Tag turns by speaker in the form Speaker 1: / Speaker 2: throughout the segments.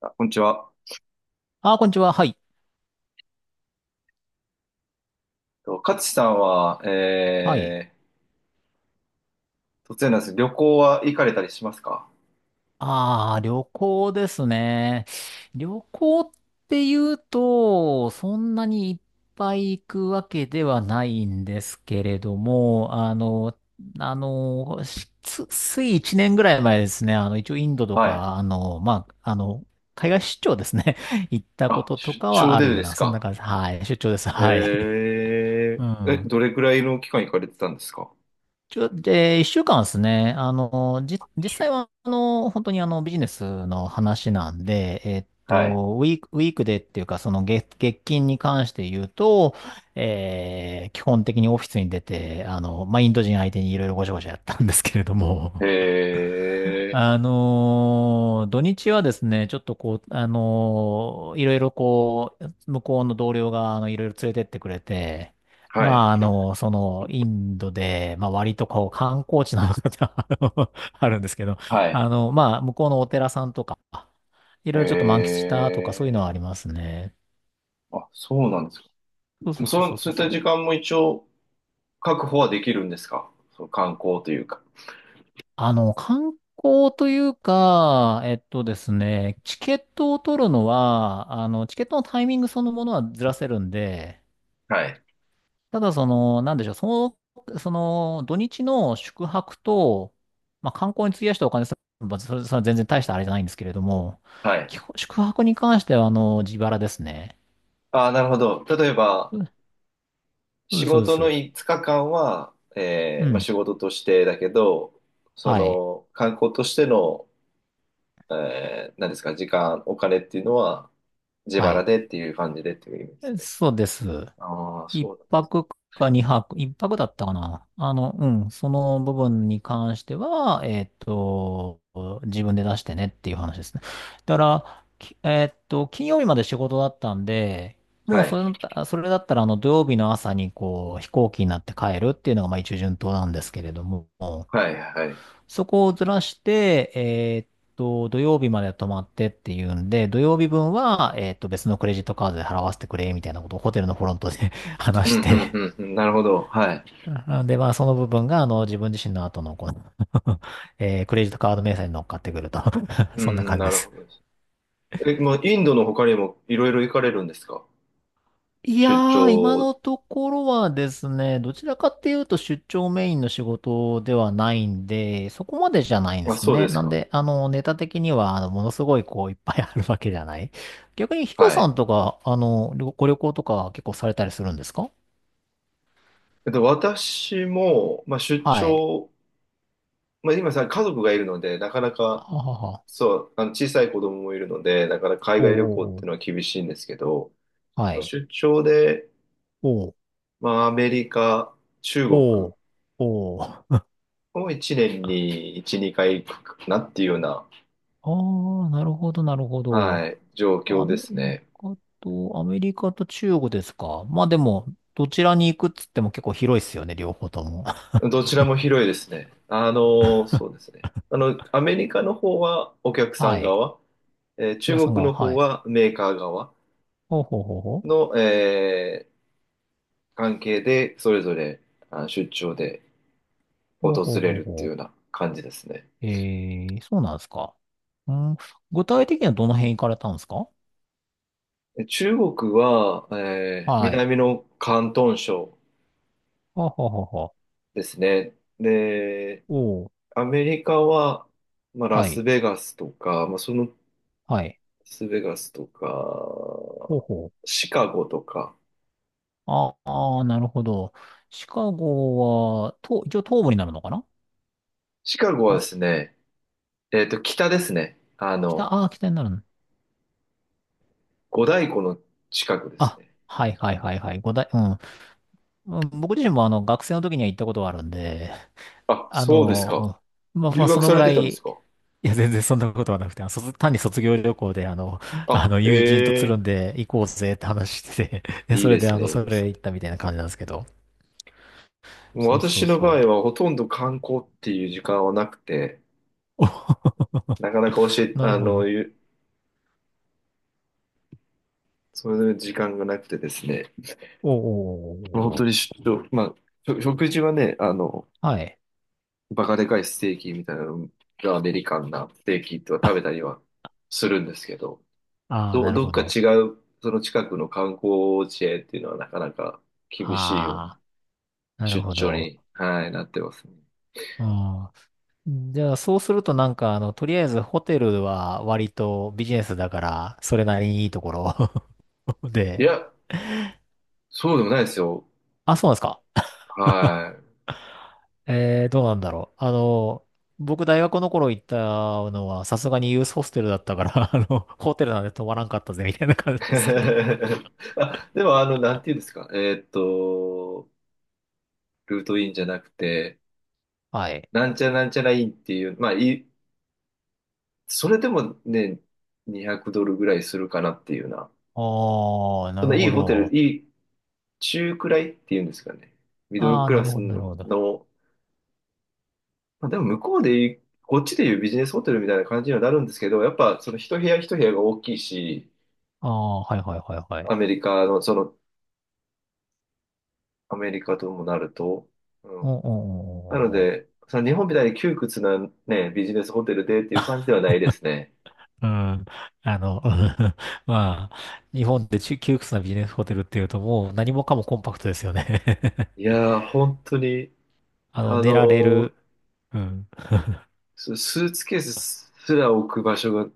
Speaker 1: あ、こんにちは。
Speaker 2: こんにちは。はい。
Speaker 1: と勝さんは、
Speaker 2: はい。
Speaker 1: 突然なんです。旅行は行かれたりしますか？
Speaker 2: ああ、旅行ですね。旅行って言うと、そんなにいっぱい行くわけではないんですけれども、つい1年ぐらい前ですね。一応インドと
Speaker 1: はい。
Speaker 2: か、まあ、海外出張ですね。行ったこ
Speaker 1: あ、
Speaker 2: とと
Speaker 1: 出
Speaker 2: かは
Speaker 1: 張
Speaker 2: あ
Speaker 1: で
Speaker 2: るよう
Speaker 1: です
Speaker 2: な、そんな
Speaker 1: か？
Speaker 2: 感じ。はい。出張です。はい。
Speaker 1: え
Speaker 2: うん。
Speaker 1: どれくらいの期間行かれてたんですか？
Speaker 2: ちょで、一週間ですね。
Speaker 1: 一
Speaker 2: 実
Speaker 1: 週間、
Speaker 2: 際は、本当にビジネスの話なんで、
Speaker 1: はい。
Speaker 2: ウィークでっていうか、月金に関して言うと、基本的にオフィスに出て、まあ、インド人相手にいろいろごちゃごちゃやったんですけれども、
Speaker 1: えー、
Speaker 2: 土日はですね、ちょっとこう、いろいろこう、向こうの同僚が、いろいろ連れてってくれて、
Speaker 1: はい。
Speaker 2: まあ、インドで、まあ、割とこう、観光地なのかな。 あるんですけど、
Speaker 1: はい。
Speaker 2: まあ、向こうのお寺さんとか、いろいろちょっと満喫したとか、そういうのはあ
Speaker 1: え
Speaker 2: りますね。
Speaker 1: ー、あ、そうなんですか。
Speaker 2: そうそうそ
Speaker 1: そ、
Speaker 2: うそ
Speaker 1: そ
Speaker 2: う
Speaker 1: ういっ
Speaker 2: そ
Speaker 1: た時
Speaker 2: う。
Speaker 1: 間も一応確保はできるんですか？そう、観光というか。
Speaker 2: 観光というか、えっとですね、チケットを取るのは、チケットのタイミングそのものはずらせるんで、
Speaker 1: はい。
Speaker 2: ただその、なんでしょう、その、土日の宿泊と、まあ、観光に費やしたお金さ、まばそれは全然大したあれじゃないんですけれども、
Speaker 1: はい。
Speaker 2: 基本宿泊に関しては、自腹ですね。
Speaker 1: ああ、なるほど。例えば、
Speaker 2: うん、そうで
Speaker 1: 仕
Speaker 2: す、そうで
Speaker 1: 事の5
Speaker 2: す。
Speaker 1: 日間は、
Speaker 2: う
Speaker 1: まあ、
Speaker 2: ん。
Speaker 1: 仕事としてだけど、そ
Speaker 2: はい。
Speaker 1: の観光としての、何ですか、時間、お金っていうのは自
Speaker 2: は
Speaker 1: 腹
Speaker 2: い。
Speaker 1: でっていう感じでっていう意味ですね。
Speaker 2: そうです。
Speaker 1: ああ、
Speaker 2: 一
Speaker 1: そう
Speaker 2: 泊か二泊、一泊だったかな。うん、その部分に関しては、えっと、自分で出してねっていう話ですね。だから、きえっと、金曜日まで仕事だったんで、
Speaker 1: だ。
Speaker 2: もう
Speaker 1: はい。
Speaker 2: それだった、それだったら、土曜日の朝に、こう、飛行機になって帰るっていうのが、まあ、一応順当なんですけれども、
Speaker 1: はい、はい。
Speaker 2: そこをずらして、土曜日まで泊まってっていうんで、土曜日分は、別のクレジットカードで払わせてくれ、みたいなことをホテルのフロントで
Speaker 1: うん、
Speaker 2: 話
Speaker 1: う
Speaker 2: し
Speaker 1: ん、
Speaker 2: て、
Speaker 1: うん、うん、なるほど。はい。
Speaker 2: なので、まあ、その部分が、自分自身の後の、この クレジットカード明細に乗っかってくると
Speaker 1: う
Speaker 2: そんな
Speaker 1: ん、
Speaker 2: 感じ
Speaker 1: な
Speaker 2: で
Speaker 1: るほ
Speaker 2: す。
Speaker 1: どです。え、まあ、インドの他にもいろいろ行かれるんですか？
Speaker 2: いや
Speaker 1: 出
Speaker 2: ー、今
Speaker 1: 張。
Speaker 2: のところはですね、どちらかっていうと出張メインの仕事ではないんで、そこまでじゃないんで
Speaker 1: あ、
Speaker 2: す
Speaker 1: そう
Speaker 2: ね。
Speaker 1: です
Speaker 2: なん
Speaker 1: か。
Speaker 2: で、ネタ的には、ものすごい、こう、いっぱいあるわけじゃない。逆にヒロ
Speaker 1: は
Speaker 2: さ
Speaker 1: い。
Speaker 2: んとか、旅行とか結構されたりするんですか？
Speaker 1: 私も、まあ、出
Speaker 2: はい。
Speaker 1: 張、まあ、今さ、家族がいるので、なかなか、
Speaker 2: ははは。
Speaker 1: そう、あの小さい子供もいるので、だから海
Speaker 2: おー
Speaker 1: 外旅
Speaker 2: おー
Speaker 1: 行っ
Speaker 2: お
Speaker 1: ていうのは厳しいんですけど、
Speaker 2: ー。は
Speaker 1: まあ
Speaker 2: い。
Speaker 1: 出張で、
Speaker 2: おー
Speaker 1: まあ、アメリカ、中国
Speaker 2: おーおー。
Speaker 1: を1年に1、2回行くかなっていうような、
Speaker 2: ああ、なるほど、なるほど。
Speaker 1: はい、状況ですね。
Speaker 2: アメリカと中国ですか。まあでも、どちらに行くっつっても結構広いっすよね、両方とも。
Speaker 1: どちらも広いですね。あの、そうですね。あの、アメリカの方はお客さ
Speaker 2: は
Speaker 1: ん
Speaker 2: い。
Speaker 1: 側、えー
Speaker 2: 皆さ
Speaker 1: 中
Speaker 2: んが、
Speaker 1: 国の方
Speaker 2: はい。
Speaker 1: はメーカー側
Speaker 2: ほうほうほうほう。
Speaker 1: の、えー関係で、それぞれあ出張で訪
Speaker 2: ほうほう
Speaker 1: れ
Speaker 2: ほう
Speaker 1: るっていう
Speaker 2: ほ
Speaker 1: ような感じですね。
Speaker 2: う。えー、そうなんですか。うん、具体的にはどの辺行かれたんですか？
Speaker 1: 中国は、えー
Speaker 2: はい。
Speaker 1: 南の広東省
Speaker 2: ほうほうほうほ
Speaker 1: ですね。で、
Speaker 2: う。おう。
Speaker 1: アメリカは、まあ、ラ
Speaker 2: は
Speaker 1: ス
Speaker 2: い。
Speaker 1: ベガスとか、まあ、その、ラ
Speaker 2: はい。
Speaker 1: スベガスと
Speaker 2: ほう
Speaker 1: か、
Speaker 2: ほう。
Speaker 1: シカゴとか。
Speaker 2: ああ、なるほど。シカゴは、と、一応東部になるのかな？
Speaker 1: シカゴは
Speaker 2: ラ
Speaker 1: です
Speaker 2: ス、
Speaker 1: ね、えっと、北ですね。あ
Speaker 2: 北、
Speaker 1: の、
Speaker 2: ああ、北になる。
Speaker 1: 五大湖の近くです
Speaker 2: あ、
Speaker 1: ね。
Speaker 2: はいはいはいはい。五大、うん。うん、僕自身も学生の時には行ったことはあるんで、
Speaker 1: あ、
Speaker 2: あ
Speaker 1: そうですか。
Speaker 2: の、うん、まあま
Speaker 1: 留
Speaker 2: あそ
Speaker 1: 学
Speaker 2: の
Speaker 1: さ
Speaker 2: ぐ
Speaker 1: れ
Speaker 2: ら
Speaker 1: てたん
Speaker 2: い、
Speaker 1: です
Speaker 2: い
Speaker 1: か？
Speaker 2: や全然そんなことはなくて、あの卒単に卒業旅行で
Speaker 1: あ、へ
Speaker 2: 友人とつる
Speaker 1: え、
Speaker 2: んで行こうぜって話してて、で、
Speaker 1: いい
Speaker 2: それ
Speaker 1: で
Speaker 2: で
Speaker 1: す
Speaker 2: あの、
Speaker 1: ね、いい
Speaker 2: そ
Speaker 1: です
Speaker 2: れ行っ
Speaker 1: ね。
Speaker 2: たみたいな感じなんですけど。
Speaker 1: もう
Speaker 2: そうそ
Speaker 1: 私
Speaker 2: う
Speaker 1: の場合
Speaker 2: そ
Speaker 1: はほとんど観光っていう時間はなくて、
Speaker 2: う。お
Speaker 1: なかなか教え、
Speaker 2: なるほど。
Speaker 1: ゆそれぞれ時間がなくてですね、
Speaker 2: お
Speaker 1: 本当
Speaker 2: お、
Speaker 1: にしょ、まあ、しょ食事はね、あの、
Speaker 2: はい。
Speaker 1: バカでかいステーキみたいなのがアメリカンなステーキとは食べ
Speaker 2: あ
Speaker 1: たりはするんですけど、
Speaker 2: あー、
Speaker 1: ど、
Speaker 2: なる
Speaker 1: どっ
Speaker 2: ほ
Speaker 1: か
Speaker 2: ど。
Speaker 1: 違う、その近くの観光地へっていうのはなかなか厳しいような
Speaker 2: ああ、なる
Speaker 1: 出
Speaker 2: ほ
Speaker 1: 張
Speaker 2: ど。
Speaker 1: に、はい、なってますね。
Speaker 2: うん、じゃあ、そうするとなんか、とりあえずホテルは割とビジネスだから、それなりにいいところ
Speaker 1: い
Speaker 2: で。
Speaker 1: や、そうでもないですよ。
Speaker 2: あ、そうなんですか。
Speaker 1: はい。
Speaker 2: えー、どうなんだろう。僕大学の頃行ったのは、さすがにユースホステルだったから、ホテルなんで泊まらんかったぜ、みたいな感じ なんですけど。
Speaker 1: あ、でも、あの、なんていうんですか。ルートインじゃなくて、
Speaker 2: はい。
Speaker 1: なんちゃらなんちゃらいンっていう、まあいい、それでもね、200ドルぐらいするかなっていうな。
Speaker 2: あー、
Speaker 1: そ
Speaker 2: な
Speaker 1: ん
Speaker 2: る
Speaker 1: ないい
Speaker 2: ほ
Speaker 1: ホテル、
Speaker 2: ど。
Speaker 1: いい中くらいっていうんですかね。ミドル
Speaker 2: あ
Speaker 1: ク
Speaker 2: ー、な
Speaker 1: ラ
Speaker 2: る
Speaker 1: ス
Speaker 2: ほど、なる
Speaker 1: の、
Speaker 2: ほど。
Speaker 1: のまあ、でも向こうでいうこっちでいうビジネスホテルみたいな感じにはなるんですけど、やっぱその一部屋一部屋が大きいし、
Speaker 2: あー、はいはいはいはい。
Speaker 1: アメリカの、その、アメリカともなると、う
Speaker 2: う
Speaker 1: ん。
Speaker 2: んう
Speaker 1: な
Speaker 2: ん
Speaker 1: の
Speaker 2: うんうん
Speaker 1: で、その日本みたいに窮屈なね、ビジネスホテルでっていう感じではないですね。
Speaker 2: うん。あの、まあ、日本で窮屈なビジネスホテルっていうともう何もかもコンパクトですよね。
Speaker 1: い やー、本当に、あの
Speaker 2: 寝られ
Speaker 1: ー
Speaker 2: る。うん。
Speaker 1: そのスーツケースすら置く場所が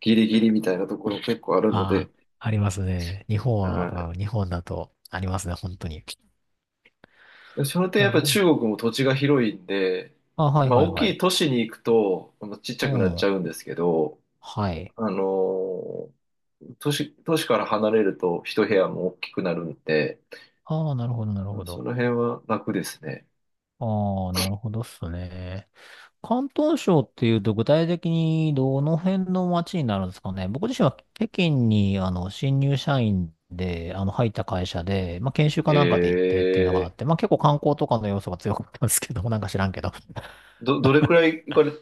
Speaker 1: ギリギリみたいなところ結構あるの
Speaker 2: あ
Speaker 1: で、
Speaker 2: あ、ありますね。日本は、
Speaker 1: は
Speaker 2: うん、日本だとありますね、本当に。
Speaker 1: い。でその点
Speaker 2: な
Speaker 1: やっ
Speaker 2: る
Speaker 1: ぱ
Speaker 2: ほ
Speaker 1: 中
Speaker 2: ど。
Speaker 1: 国も土地が広いんで、
Speaker 2: あ、はい
Speaker 1: まあ
Speaker 2: はい
Speaker 1: 大
Speaker 2: は
Speaker 1: きい
Speaker 2: い。
Speaker 1: 都市に行くと、まあちっち
Speaker 2: う
Speaker 1: ゃくなっち
Speaker 2: ん。
Speaker 1: ゃうんですけど、
Speaker 2: はい。
Speaker 1: あのー都市から離れると一部屋も大きくなるんで、
Speaker 2: ああ、なるほど、なるほ
Speaker 1: そ
Speaker 2: ど。
Speaker 1: の辺は楽ですね。
Speaker 2: ああ、なるほどっすね。広東省っていうと具体的にどの辺の街になるんですかね。僕自身は北京に新入社員で入った会社で、まあ、研修か
Speaker 1: え
Speaker 2: なんかで行ってっていうのがあ
Speaker 1: ー、
Speaker 2: って、まあ、結構観光とかの要素が強かったんですけど、なんか知らんけど。
Speaker 1: どれくらい行かれ、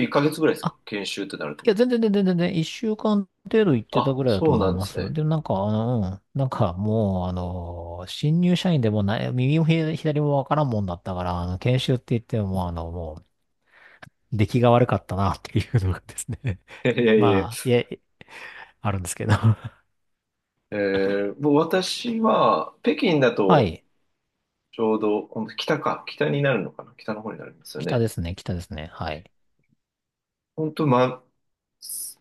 Speaker 1: 1ヶ月ぐらいですか
Speaker 2: あ、
Speaker 1: 研修ってなると。
Speaker 2: いや、全然、一週間程度行ってた
Speaker 1: あ、
Speaker 2: ぐらいだと
Speaker 1: そう
Speaker 2: 思い
Speaker 1: なんで
Speaker 2: ま
Speaker 1: す
Speaker 2: す。
Speaker 1: ね。
Speaker 2: で、なんか、うん、なんかもう、新入社員でもない、右も左もわからんもんだったから、研修って言っても、もう、出来が悪かったなっていうのがですね。
Speaker 1: いやいや いや。
Speaker 2: まあ、いや、あるんですけど。
Speaker 1: えー、もう私は、北京だ
Speaker 2: は
Speaker 1: と、
Speaker 2: い。
Speaker 1: ちょうど、ほんと北か、北になるのかな、北の方になりますよ
Speaker 2: 北
Speaker 1: ね。
Speaker 2: ですね、北ですね。はい。
Speaker 1: 本当、ま、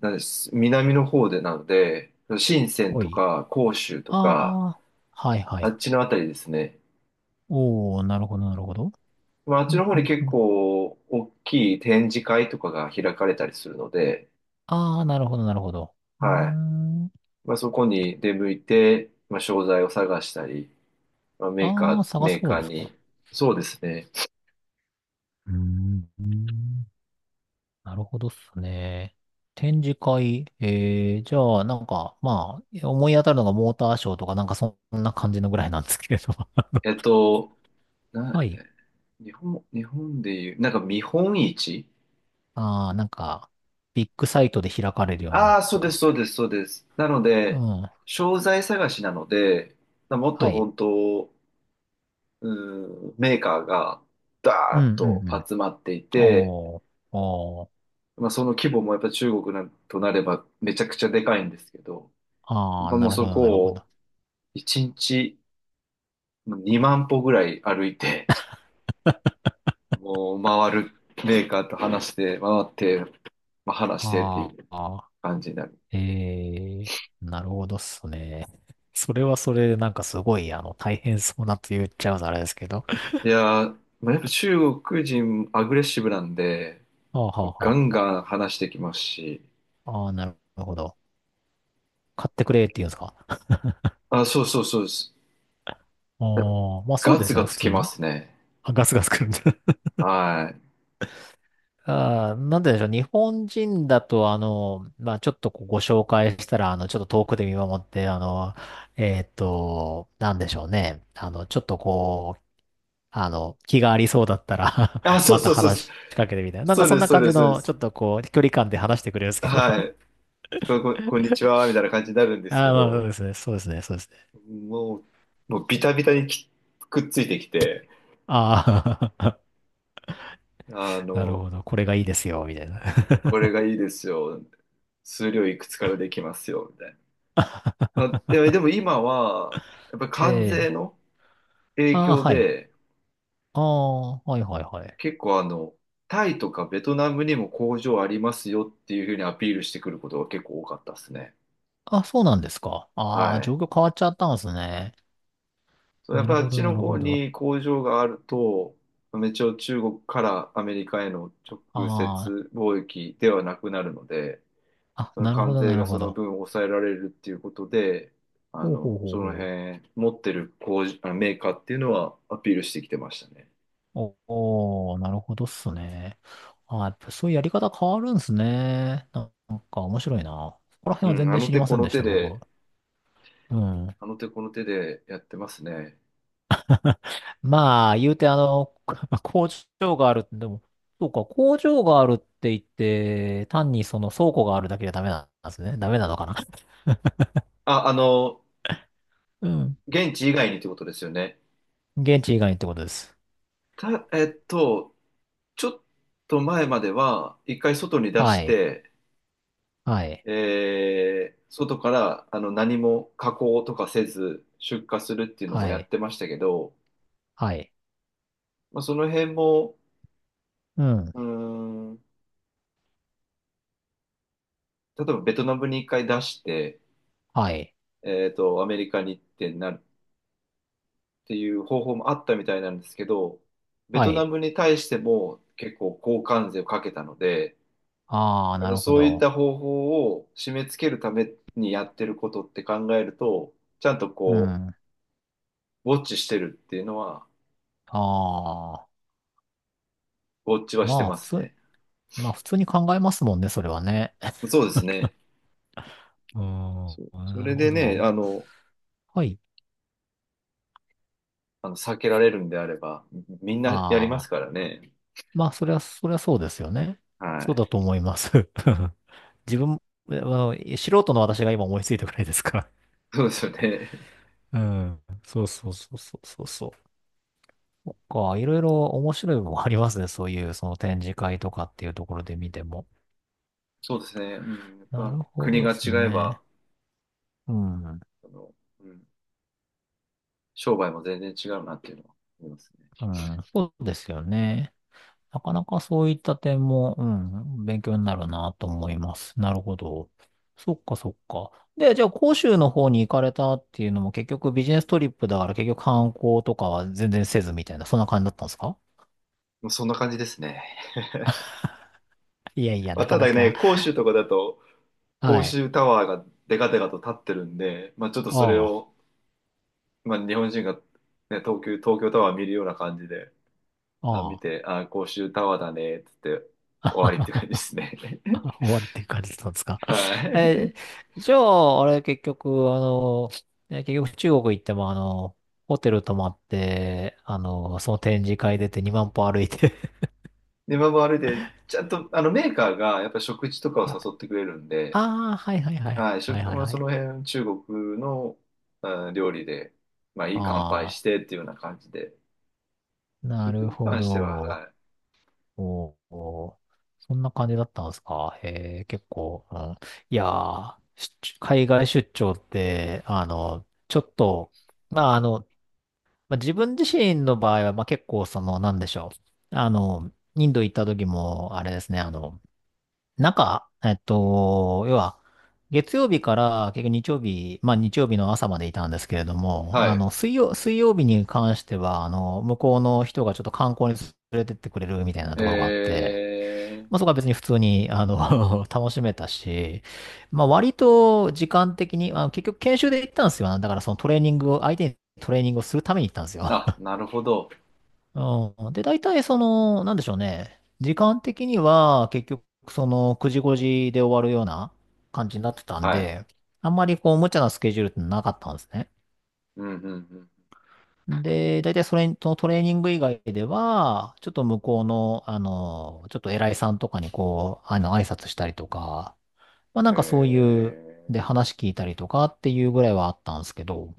Speaker 1: なんです、南の方でなので、深セン
Speaker 2: お
Speaker 1: と
Speaker 2: い。
Speaker 1: か、広州と
Speaker 2: あ
Speaker 1: か、
Speaker 2: あ、はいは
Speaker 1: あ
Speaker 2: い。
Speaker 1: っちのあたりですね。
Speaker 2: おー、なるほど、なるほど。
Speaker 1: まあ、あっ
Speaker 2: う
Speaker 1: ちの
Speaker 2: ん
Speaker 1: 方
Speaker 2: う
Speaker 1: に
Speaker 2: ん
Speaker 1: 結
Speaker 2: うん、
Speaker 1: 構、大きい展示会とかが開かれたりするので、
Speaker 2: ああ、なるほど、なるほど。うー
Speaker 1: はい。
Speaker 2: ん。
Speaker 1: まあ、そこに出向いて、まあ、商材を探したり、まあ、メーカ
Speaker 2: ああ、
Speaker 1: ー、
Speaker 2: 探
Speaker 1: メ
Speaker 2: す
Speaker 1: ー
Speaker 2: 方
Speaker 1: カー
Speaker 2: ですか。
Speaker 1: に、そうですね。
Speaker 2: うーん。なるほどっすね。展示会、えー、じゃあ、なんか、まあ、思い当たるのがモーターショーとか、なんかそんな感じのぐらいなんですけれど。
Speaker 1: えっと、な、
Speaker 2: はい。
Speaker 1: え日本でいう、なんか見本市。
Speaker 2: ああ、なんか、ビッグサイトで開かれるような、な
Speaker 1: ああー、そ
Speaker 2: ん
Speaker 1: うです、
Speaker 2: か。
Speaker 1: そうです、そうです。なの
Speaker 2: う
Speaker 1: で、
Speaker 2: ん。
Speaker 1: 商材探しなので、もっと
Speaker 2: はい。
Speaker 1: 本当、うん、メーカーが
Speaker 2: う
Speaker 1: ダーッ
Speaker 2: ん、う
Speaker 1: と
Speaker 2: ん、うん。
Speaker 1: 集まっていて、
Speaker 2: おー、おー、
Speaker 1: まあ、その規模もやっぱ中国なんとなればめちゃくちゃでかいんですけど、
Speaker 2: あ
Speaker 1: まあ、
Speaker 2: ー、な
Speaker 1: もう
Speaker 2: るほ
Speaker 1: そ
Speaker 2: ど、
Speaker 1: こ
Speaker 2: なるほ
Speaker 1: を
Speaker 2: ど。
Speaker 1: 1日2万歩ぐらい歩いて、もう回るメーカーと話して、回って、まあ、話してって
Speaker 2: あー、
Speaker 1: いう
Speaker 2: あ
Speaker 1: 感じになる。
Speaker 2: ー、えー、なるほどっすね。それはそれでなんかすごい、大変そうなと言っちゃうとあれですけど。
Speaker 1: いやー、まあ、やっぱ中国人アグレッシブなんで、
Speaker 2: あー、はあ、
Speaker 1: ガ
Speaker 2: は
Speaker 1: ン
Speaker 2: あ、は
Speaker 1: ガン話してきますし、
Speaker 2: あ、あー、なるほど。買ってくれって言うんですか？
Speaker 1: あ、そうそうそうです。
Speaker 2: ああー、まあそう
Speaker 1: ガ
Speaker 2: で
Speaker 1: ツ
Speaker 2: すよ
Speaker 1: ガ
Speaker 2: ね、普
Speaker 1: ツ
Speaker 2: 通
Speaker 1: き
Speaker 2: に
Speaker 1: ま
Speaker 2: ね。
Speaker 1: すね。
Speaker 2: あ、ガスガス来るんで。
Speaker 1: はい。
Speaker 2: あー、なんででしょう。日本人だと、まあ、ちょっとこうご紹介したら、ちょっと遠くで見守って、なんでしょうね。ちょっとこう、気がありそうだったら
Speaker 1: あ、そう
Speaker 2: また
Speaker 1: そうそうです。
Speaker 2: 話しかけてみたいな。なんか
Speaker 1: そう
Speaker 2: そん
Speaker 1: です、
Speaker 2: な
Speaker 1: そう
Speaker 2: 感
Speaker 1: で
Speaker 2: じ
Speaker 1: す、そうで
Speaker 2: の、ち
Speaker 1: す。
Speaker 2: ょっとこう、距離感で話してくれるんですけど。
Speaker 1: はい。こんにちは、みたいな感じになるんです
Speaker 2: あ
Speaker 1: け
Speaker 2: あ、まあ、そ
Speaker 1: ど、
Speaker 2: うですね。そうですね。そうですね。
Speaker 1: もう、もうビタビタにきくっついてきて、
Speaker 2: ああ
Speaker 1: あ
Speaker 2: なる
Speaker 1: の、
Speaker 2: ほど。これがいいですよ、みたいな。
Speaker 1: これがいいですよ。数量いくつからできますよ、みたいな。まあ、いやでも今は、やっぱり
Speaker 2: え
Speaker 1: 関税
Speaker 2: え。
Speaker 1: の影
Speaker 2: ああ、
Speaker 1: 響
Speaker 2: はい。
Speaker 1: で、
Speaker 2: ああ、はいはいはい。
Speaker 1: 結構あの、タイとかベトナムにも工場ありますよっていうふうにアピールしてくることが結構多かったですね。
Speaker 2: あ、そうなんですか。ああ、
Speaker 1: は
Speaker 2: 状
Speaker 1: い。
Speaker 2: 況変わっちゃったんですね。
Speaker 1: そう、やっ
Speaker 2: な
Speaker 1: ぱ
Speaker 2: る
Speaker 1: あっ
Speaker 2: ほど、
Speaker 1: ち
Speaker 2: な
Speaker 1: の
Speaker 2: る
Speaker 1: 方
Speaker 2: ほど。あ
Speaker 1: に工場があると、一応中国からアメリカへの直
Speaker 2: あ、
Speaker 1: 接貿易ではなくなるので、
Speaker 2: あ、
Speaker 1: その
Speaker 2: なるほ
Speaker 1: 関
Speaker 2: ど、
Speaker 1: 税
Speaker 2: な
Speaker 1: が
Speaker 2: るほ
Speaker 1: その
Speaker 2: ど。
Speaker 1: 分抑えられるっていうことで、あ
Speaker 2: ほう
Speaker 1: の、
Speaker 2: ほうほ
Speaker 1: そ
Speaker 2: う
Speaker 1: の
Speaker 2: ほう。
Speaker 1: 辺持ってる工場、あのメーカーっていうのはアピールしてきてましたね。
Speaker 2: おおー、なるほどっすね。ああ、やっぱそういうやり方変わるんすね。なんか面白いな。そこら辺
Speaker 1: う
Speaker 2: は全
Speaker 1: ん、あ
Speaker 2: 然
Speaker 1: の
Speaker 2: 知り
Speaker 1: 手
Speaker 2: ま
Speaker 1: こ
Speaker 2: せん
Speaker 1: の
Speaker 2: でし
Speaker 1: 手
Speaker 2: た、僕。
Speaker 1: で、
Speaker 2: うん。
Speaker 1: あの手この手でやってますね。
Speaker 2: まあ、言うて工場がある、でも、そうか、工場があるって言って、単にその倉庫があるだけじゃダメなんですね。ダメなのかな。
Speaker 1: あ、あの、
Speaker 2: うん。
Speaker 1: 現地以外にってことですよね。
Speaker 2: 現地以外にってことです。
Speaker 1: た、えっと、ちょっと前までは、一回外に出
Speaker 2: は
Speaker 1: し
Speaker 2: い。
Speaker 1: て、
Speaker 2: はい。
Speaker 1: えー外からあの何も加工とかせず出荷するっていうの
Speaker 2: は
Speaker 1: もやっ
Speaker 2: い。
Speaker 1: てましたけど、
Speaker 2: はい。
Speaker 1: まあ、その辺も、
Speaker 2: うん。
Speaker 1: うーん、例えばベトナムに一回出して、
Speaker 2: はい。
Speaker 1: えっと、アメリカに行ってなるっていう方法もあったみたいなんですけど、ベ
Speaker 2: は
Speaker 1: トナ
Speaker 2: い。
Speaker 1: ムに対しても結構交換税をかけたので、
Speaker 2: ああ、
Speaker 1: やっ
Speaker 2: な
Speaker 1: ぱ
Speaker 2: るほ
Speaker 1: そういっ
Speaker 2: ど。
Speaker 1: た方法を締め付けるためにやってることって考えると、ちゃんと
Speaker 2: う
Speaker 1: こ
Speaker 2: ん。あ
Speaker 1: う、ウォッチしてるっていうのは、
Speaker 2: あ。
Speaker 1: ウォッチはして
Speaker 2: まあ、
Speaker 1: ま
Speaker 2: 普
Speaker 1: す
Speaker 2: 通、
Speaker 1: ね。
Speaker 2: まあ、普通に考えますもんね、それはね。
Speaker 1: そうですね。
Speaker 2: うーん。
Speaker 1: そう。そ
Speaker 2: なる
Speaker 1: れ
Speaker 2: ほ
Speaker 1: でね、あ
Speaker 2: ど。
Speaker 1: の、
Speaker 2: はい。
Speaker 1: あの避けられるんであれば、みんなやりま
Speaker 2: あ
Speaker 1: す
Speaker 2: あ。
Speaker 1: からね。
Speaker 2: まあ、それは、それはそうですよね。
Speaker 1: は
Speaker 2: そう
Speaker 1: い。
Speaker 2: だと思います。自分、素人の私が今思いついたくらいですから。
Speaker 1: そうですよね。
Speaker 2: うん。そうそうそうそうそうそう。そっか、いろいろ面白いものありますね。そういう、その展示会とかっていうところで見ても。
Speaker 1: そうですね。うん。やっ
Speaker 2: なる
Speaker 1: ぱ
Speaker 2: ほ
Speaker 1: 国
Speaker 2: ど
Speaker 1: が
Speaker 2: で
Speaker 1: 違
Speaker 2: す
Speaker 1: えば、
Speaker 2: ね。うん。
Speaker 1: あの、うん、商売も全然違うなっていうのは思いますね。
Speaker 2: うん。そうですよね。なかなかそういった点も、うん、勉強になるなと思います。なるほど。そっかそっか。で、じゃあ、広州の方に行かれたっていうのも結局ビジネストリップだから結局観光とかは全然せずみたいな、そんな感じだったんですか？
Speaker 1: もうそんな感じですね。
Speaker 2: いやいや、
Speaker 1: まあ、
Speaker 2: なか
Speaker 1: た
Speaker 2: な
Speaker 1: だね、
Speaker 2: か。
Speaker 1: 広州とかだと、
Speaker 2: は
Speaker 1: 公
Speaker 2: い。
Speaker 1: 衆タワーがデカデカと立ってるんで、まあ、ちょっとそれ
Speaker 2: ああ、
Speaker 1: を、まあ、日本人が、ね、東京タワー見るような感じで、あ、見
Speaker 2: ああ。
Speaker 1: て、あ、公衆タワーだね、つって終わりって感じで すね。
Speaker 2: 終わりっていう感じだったんですか？
Speaker 1: は
Speaker 2: え
Speaker 1: い。
Speaker 2: ー、じゃあ、あれ、結局、あの、ね結局中国行っても、ホテル泊まって、その展示会出て2万歩歩いて
Speaker 1: で、まあで、ちゃんと、あの、メーカーがやっぱ食事と かを
Speaker 2: はい。
Speaker 1: 誘ってくれるんで、
Speaker 2: ああ、はいはいはい。
Speaker 1: はい、
Speaker 2: はい
Speaker 1: 食、
Speaker 2: はい
Speaker 1: まあ、
Speaker 2: は
Speaker 1: そ
Speaker 2: い。
Speaker 1: の辺、中国の、うん料理で、まあ、いい乾杯
Speaker 2: あ
Speaker 1: してっていうような感じで、
Speaker 2: あ、な
Speaker 1: 食
Speaker 2: る
Speaker 1: に
Speaker 2: ほ
Speaker 1: 関しては、
Speaker 2: ど。
Speaker 1: はい。
Speaker 2: おーおー、そんな感じだったんですか。へえ、結構、うん。いやー、出海外出張って、あの、ちょっと、まあ、あの、まあ、自分自身の場合は、まあ、結構その、なんでしょう。インド行った時も、あれですね、中、えっと、要は、月曜日から結局日曜日、まあ日曜日の朝までいたんですけれども、
Speaker 1: はい。
Speaker 2: 水曜日に関しては、向こうの人がちょっと観光に連れてってくれるみたいな
Speaker 1: え
Speaker 2: ところがあって、
Speaker 1: ー、
Speaker 2: まあそこは別に普通に、楽しめたし、まあ割と時間的に、結局研修で行ったんですよ。だからそのトレーニングを、相手にトレーニングをするために行ったんですよ。
Speaker 1: あ、なるほど。
Speaker 2: うん。で、大体その、なんでしょうね。時間的には結局その9時5時で終わるような感じになってたん
Speaker 1: はい。
Speaker 2: で、あんまりこう無茶なスケジュールってなかったんですね。
Speaker 1: うんうん
Speaker 2: で、大体それとトレーニング以外では、ちょっと向こうの、ちょっと偉いさんとかにこう、挨拶したりとか、まあなん
Speaker 1: うん。へ
Speaker 2: かそういう、で
Speaker 1: え
Speaker 2: 話聞いたりとかっていうぐらいはあったんですけど、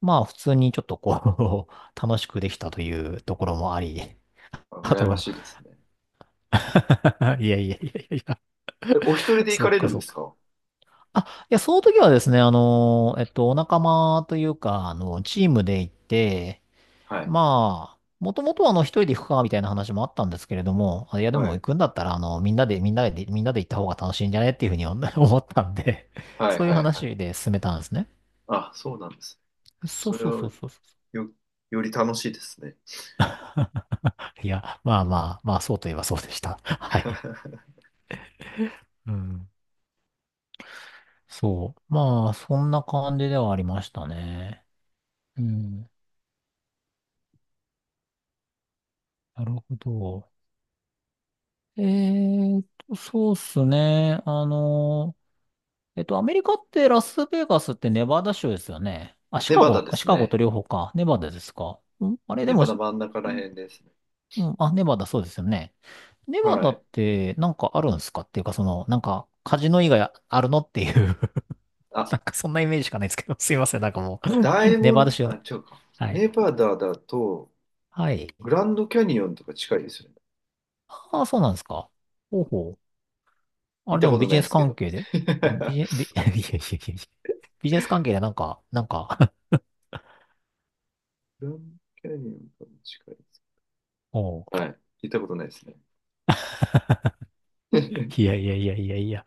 Speaker 2: まあ普通にちょっとこう 楽しくできたというところもあり、
Speaker 1: ー。あ、
Speaker 2: あ
Speaker 1: 羨ま
Speaker 2: と
Speaker 1: しいですね。
Speaker 2: いやいやいやいやいや、
Speaker 1: え、お一人で行
Speaker 2: そ
Speaker 1: か
Speaker 2: う
Speaker 1: れ
Speaker 2: か
Speaker 1: るん
Speaker 2: そ
Speaker 1: で
Speaker 2: う
Speaker 1: す
Speaker 2: か。
Speaker 1: か？
Speaker 2: その時はですね、お仲間というか、チームで行って、
Speaker 1: はい。
Speaker 2: まあ、もともとは一人で行くか、みたいな話もあったんですけれども、あいや、で
Speaker 1: は
Speaker 2: も行
Speaker 1: い。
Speaker 2: くんだったら、みんなで行った方が楽しいんじゃねっていうふうに思 思ったんで、
Speaker 1: は
Speaker 2: そ
Speaker 1: い
Speaker 2: ういう
Speaker 1: はいはい。
Speaker 2: 話で進めたんですね。
Speaker 1: あ、そうなんです。
Speaker 2: そう
Speaker 1: それ
Speaker 2: そうそ
Speaker 1: は
Speaker 2: うそうそう。
Speaker 1: よ、より楽しいですね。
Speaker 2: いや、まあ、そうといえばそうでした。はい。うん。そう。まあ、そんな感じではありましたね。うん。なるほど。えーと、そうっすね。えっと、アメリカってラスベガスってネバダ州ですよね。あ、シ
Speaker 1: ネ
Speaker 2: カ
Speaker 1: バ
Speaker 2: ゴ
Speaker 1: ダで
Speaker 2: か、シ
Speaker 1: す
Speaker 2: カゴと
Speaker 1: ね。
Speaker 2: 両方か。ネバダですか。んあれ、で
Speaker 1: ネ
Speaker 2: も、
Speaker 1: バダ
Speaker 2: し
Speaker 1: 真ん中ら辺ですね。
Speaker 2: うん、あ、ネバダそうですよね。ネバ
Speaker 1: は
Speaker 2: ダ
Speaker 1: い。
Speaker 2: ってなんかあるんですかっていうか、その、なんか、カジノ以外あるのっていう
Speaker 1: あ、
Speaker 2: なんかそんなイメージしかないですけど、すいません、なんかもう、
Speaker 1: あ、大
Speaker 2: ネバダ
Speaker 1: 門、
Speaker 2: 州。
Speaker 1: あ、違うか。
Speaker 2: はい。
Speaker 1: ネバダだと、
Speaker 2: はい。
Speaker 1: グランドキャニオンとか近いですよね。
Speaker 2: ああ、そうなんですか。ほうほう。あ
Speaker 1: 行っ
Speaker 2: れで
Speaker 1: た
Speaker 2: も
Speaker 1: こ
Speaker 2: ビ
Speaker 1: とな
Speaker 2: ジ
Speaker 1: い
Speaker 2: ネ
Speaker 1: で
Speaker 2: ス
Speaker 1: すけ
Speaker 2: 関
Speaker 1: ど。
Speaker 2: 係で
Speaker 1: グ
Speaker 2: うんビジ
Speaker 1: ラ
Speaker 2: ネ、ビ、いやいやいやいや、ビジネス関係でなんか、なんか
Speaker 1: ンドキャニオンとかも近いです。
Speaker 2: おう
Speaker 1: はい。行ったことないですね。
Speaker 2: い やいやいやいやいや。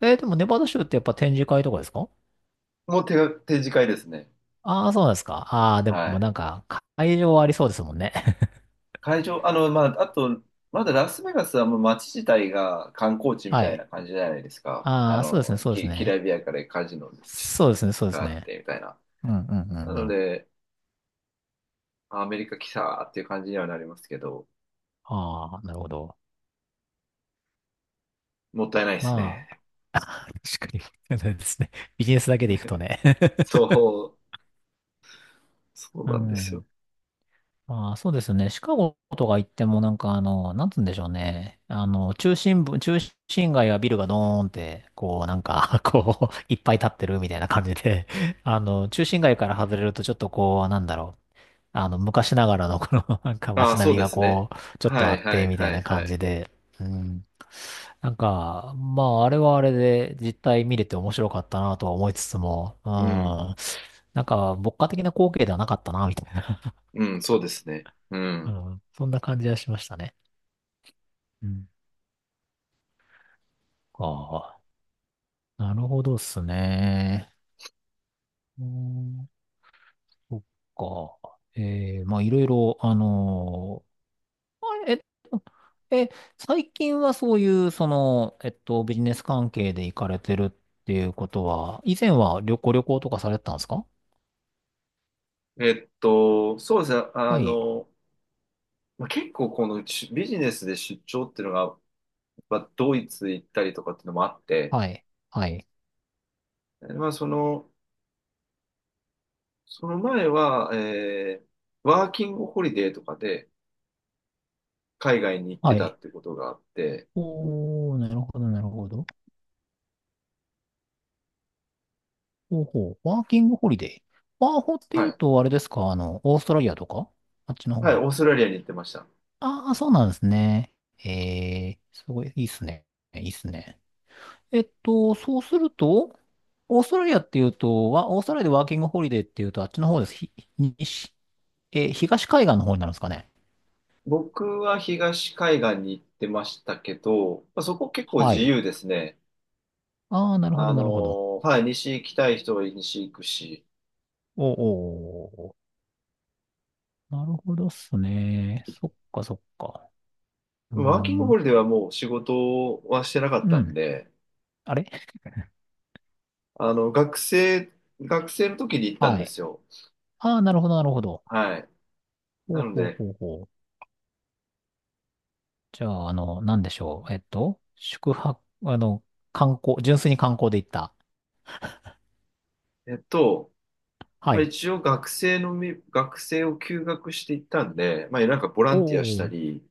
Speaker 2: えーでもネバダ州ってやっぱ展示会とかですか？
Speaker 1: もう手が、展示会ですね。
Speaker 2: ああー、そうなんですか。ああ、で
Speaker 1: は
Speaker 2: も
Speaker 1: い。
Speaker 2: なんか、会場ありそうですもんね。
Speaker 1: 会場、あの、まあ、あと、まだラスベガスはもう街自体が観光地み
Speaker 2: は
Speaker 1: たい
Speaker 2: い。
Speaker 1: な感じじゃないですか。あ
Speaker 2: ああ、そうです
Speaker 1: の、
Speaker 2: ね、そうです
Speaker 1: ききら
Speaker 2: ね。
Speaker 1: びやかでカジノ
Speaker 2: そうですね、そうで
Speaker 1: が
Speaker 2: す
Speaker 1: あっ
Speaker 2: ね。
Speaker 1: てみたいな。
Speaker 2: うんうんう
Speaker 1: な
Speaker 2: んう
Speaker 1: の
Speaker 2: ん。
Speaker 1: で、アメリカ来たっていう感じにはなりますけど、
Speaker 2: ああ、なるほど。
Speaker 1: もったいないです
Speaker 2: まあ、
Speaker 1: ね。
Speaker 2: 確かに、そうですね。ビジネスだけでいくとね。
Speaker 1: そう、そう
Speaker 2: う
Speaker 1: なんです
Speaker 2: ん。
Speaker 1: よ。
Speaker 2: まあ、そうですね。シカゴとか行ってもなんかなんつうんでしょうね。中心街はビルがドーンって、こうなんか こう、いっぱい立ってるみたいな感じで、中心街から外れるとちょっとこう、なんだろう。昔ながらのこの なんか
Speaker 1: ああ、
Speaker 2: 街
Speaker 1: そ
Speaker 2: 並
Speaker 1: う
Speaker 2: み
Speaker 1: で
Speaker 2: が
Speaker 1: すね。
Speaker 2: こう、ちょっと
Speaker 1: は
Speaker 2: あ
Speaker 1: い
Speaker 2: っ
Speaker 1: は
Speaker 2: て、
Speaker 1: い
Speaker 2: みたい
Speaker 1: はい
Speaker 2: な
Speaker 1: は
Speaker 2: 感
Speaker 1: い。
Speaker 2: じで。うん。なんか、まあ、あれはあれで実態見れて面白かったなとは思いつつも、う
Speaker 1: うん、
Speaker 2: ん。なんか、牧歌的な光景ではなかったな、みたいな。
Speaker 1: うん、そうですね。う
Speaker 2: う
Speaker 1: ん。
Speaker 2: ん。そんな感じはしましたね。うん。ああ、なるほどっすね。うーん、そっか。ええまあ、いろいろ、あのーあえ、え、最近はそういう、その、えっと、ビジネス関係で行かれてるっていうことは、以前は旅行とかされてたんですか？
Speaker 1: えっと、そうですね。あ
Speaker 2: はい、
Speaker 1: の、まあ、結構このしビジネスで出張っていうのがまあ、ドイツ行ったりとかっていうのもあって、
Speaker 2: はい、はい、
Speaker 1: えまあ、その、その前は、えーワーキングホリデーとかで海外に行って
Speaker 2: は
Speaker 1: た
Speaker 2: い。
Speaker 1: ってことがあって、
Speaker 2: おー、なるほど、なるほど。ほうほう、ワーキングホリデー。ワーホってい
Speaker 1: は
Speaker 2: う
Speaker 1: い。
Speaker 2: と、あれですか、オーストラリアとかあっちの
Speaker 1: はい、
Speaker 2: 方？
Speaker 1: オーストラリアに行ってました。
Speaker 2: ああ、そうなんですね。ええ、すごい、いいっすね。いいっすね。えっと、そうすると、オーストラリアでワーキングホリデーっていうと、あっちの方です。西、えー東海岸の方になるんですかね。
Speaker 1: 僕は東海岸に行ってましたけど、まあ、そこ結構
Speaker 2: は
Speaker 1: 自
Speaker 2: い。
Speaker 1: 由ですね。
Speaker 2: ああ、なるほ
Speaker 1: あ
Speaker 2: ど、なるほど。
Speaker 1: のーはい、西行きたい人は西行くし、
Speaker 2: おーおー、おなるほどっすね。そっか、そっか。うー
Speaker 1: ワーキング
Speaker 2: ん。
Speaker 1: ホリデーはもう仕事はしてなかっ
Speaker 2: う
Speaker 1: たん
Speaker 2: ん。
Speaker 1: で、
Speaker 2: あれ
Speaker 1: あの、学生、学生の時に行ったん
Speaker 2: は
Speaker 1: で
Speaker 2: い。
Speaker 1: すよ。
Speaker 2: ああ、なるほど、なるほど。
Speaker 1: はい。
Speaker 2: ほ
Speaker 1: な
Speaker 2: う
Speaker 1: の
Speaker 2: ほう
Speaker 1: で、
Speaker 2: ほうほう。じゃあ、なんでしょう。えっと、宿泊、あの、観光、純粋に観光で行った。
Speaker 1: えっと、
Speaker 2: は
Speaker 1: まあ、
Speaker 2: い。
Speaker 1: 一応学生のみ、学生を休学していったんで、まあ、なんかボラ
Speaker 2: お
Speaker 1: ンティアした
Speaker 2: お。
Speaker 1: り、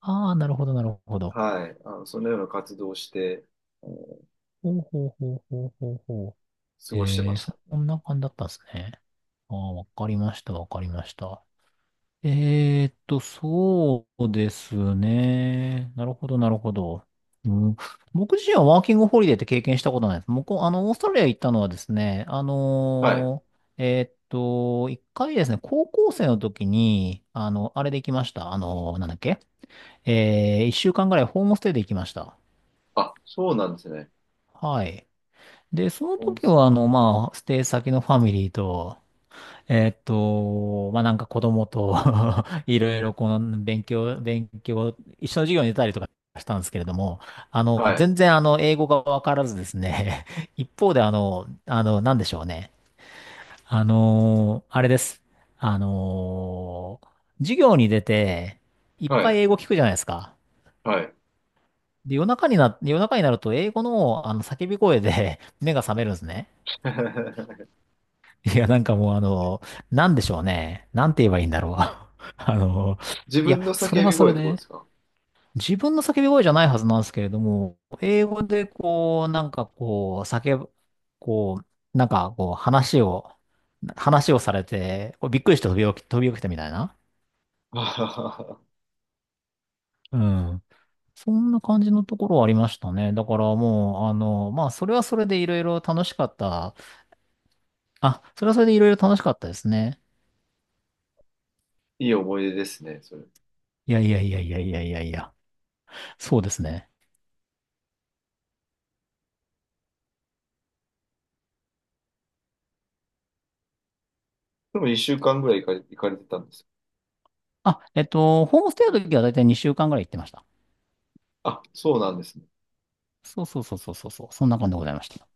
Speaker 2: ああ、なるほど、なるほど。
Speaker 1: はい、あの、そのような活動をして、あの
Speaker 2: ほうほうほうほうほうほう。
Speaker 1: 過ごしてま
Speaker 2: え
Speaker 1: し
Speaker 2: ー、
Speaker 1: た。
Speaker 2: そんな感じだったんですね。ああ、わかりました、わかりました。えーっと、そうですね。なるほど、なるほど。うん、僕自身はワーキングホリデーって経験したことないです。僕、あの、オーストラリア行ったのはですね、
Speaker 1: はい。
Speaker 2: えーっと、一回ですね、高校生の時に、あれで行きました。あのーなんだっけ、えー、一週間ぐらいホームステイで行きました。
Speaker 1: あ、そうなんですね。
Speaker 2: はい。で、そ
Speaker 1: あ、
Speaker 2: の
Speaker 1: 温
Speaker 2: 時は、
Speaker 1: 泉。
Speaker 2: まあ、ステイ先のファミリーと、えーっと、まあ、なんか子供と いろいろこの勉強、勉強、一緒の授業に出たりとかしたんですけれども、あ
Speaker 1: は
Speaker 2: の、
Speaker 1: い、
Speaker 2: 全然あの、英語がわからずですね、一方であの、あの、なんでしょうね。あの、あれです。あの、授業に出て、いっ
Speaker 1: は
Speaker 2: ぱ
Speaker 1: い、
Speaker 2: い英語聞くじゃないですか。
Speaker 1: はい。
Speaker 2: で、夜中になると英語の叫び声で 目が覚めるんですね。いや、なんかもうあの、なんでしょうね。なんて言えばいいんだろう。あの、
Speaker 1: 自
Speaker 2: いや、
Speaker 1: 分の
Speaker 2: それ
Speaker 1: 叫
Speaker 2: は
Speaker 1: び
Speaker 2: そ
Speaker 1: 声
Speaker 2: れ
Speaker 1: ってことで
Speaker 2: で、
Speaker 1: すか？
Speaker 2: 自分の叫び声じゃないはずなんですけれども、英語でこう、なんかこう、叫ぶ、こう、なんかこう、話をされて、こうびっくりして飛び起きたみたいな。
Speaker 1: あははは。
Speaker 2: うん。そんな感じのところはありましたね。だからもう、まあ、それはそれでいろいろ楽しかった。あ、それはそれでいろいろ楽しかったですね。
Speaker 1: いい思い出ですね、それ。
Speaker 2: いやいやいやいやいやいやいや。そうですね。
Speaker 1: でも一週間ぐらい行かれ、行かれてたんですよ。
Speaker 2: あ、えっと、ホームステイの時はだいたい2週間ぐらい行ってました。
Speaker 1: あ、そうなんですね。
Speaker 2: そうそうそうそうそうそう、そんな感じでございました。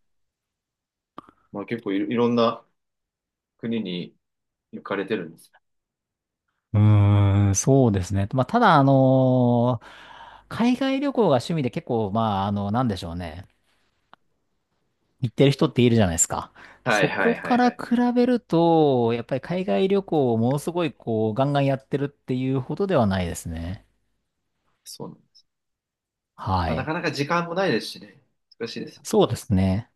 Speaker 1: まあ結構いろ、いろんな国に行かれてるんです。
Speaker 2: うーん、そうですね。まあ、ただ、海外旅行が趣味で結構、なんでしょうね。行ってる人っているじゃないですか。
Speaker 1: はい
Speaker 2: そ
Speaker 1: は
Speaker 2: こ
Speaker 1: いは
Speaker 2: か
Speaker 1: いは
Speaker 2: ら
Speaker 1: い。
Speaker 2: 比べると、やっぱり海外旅行をものすごい、こう、ガンガンやってるっていうほどではないですね。
Speaker 1: そうなん、
Speaker 2: は
Speaker 1: まあ、なか
Speaker 2: い。
Speaker 1: なか時間もないですしね。難しいです。
Speaker 2: そうですね。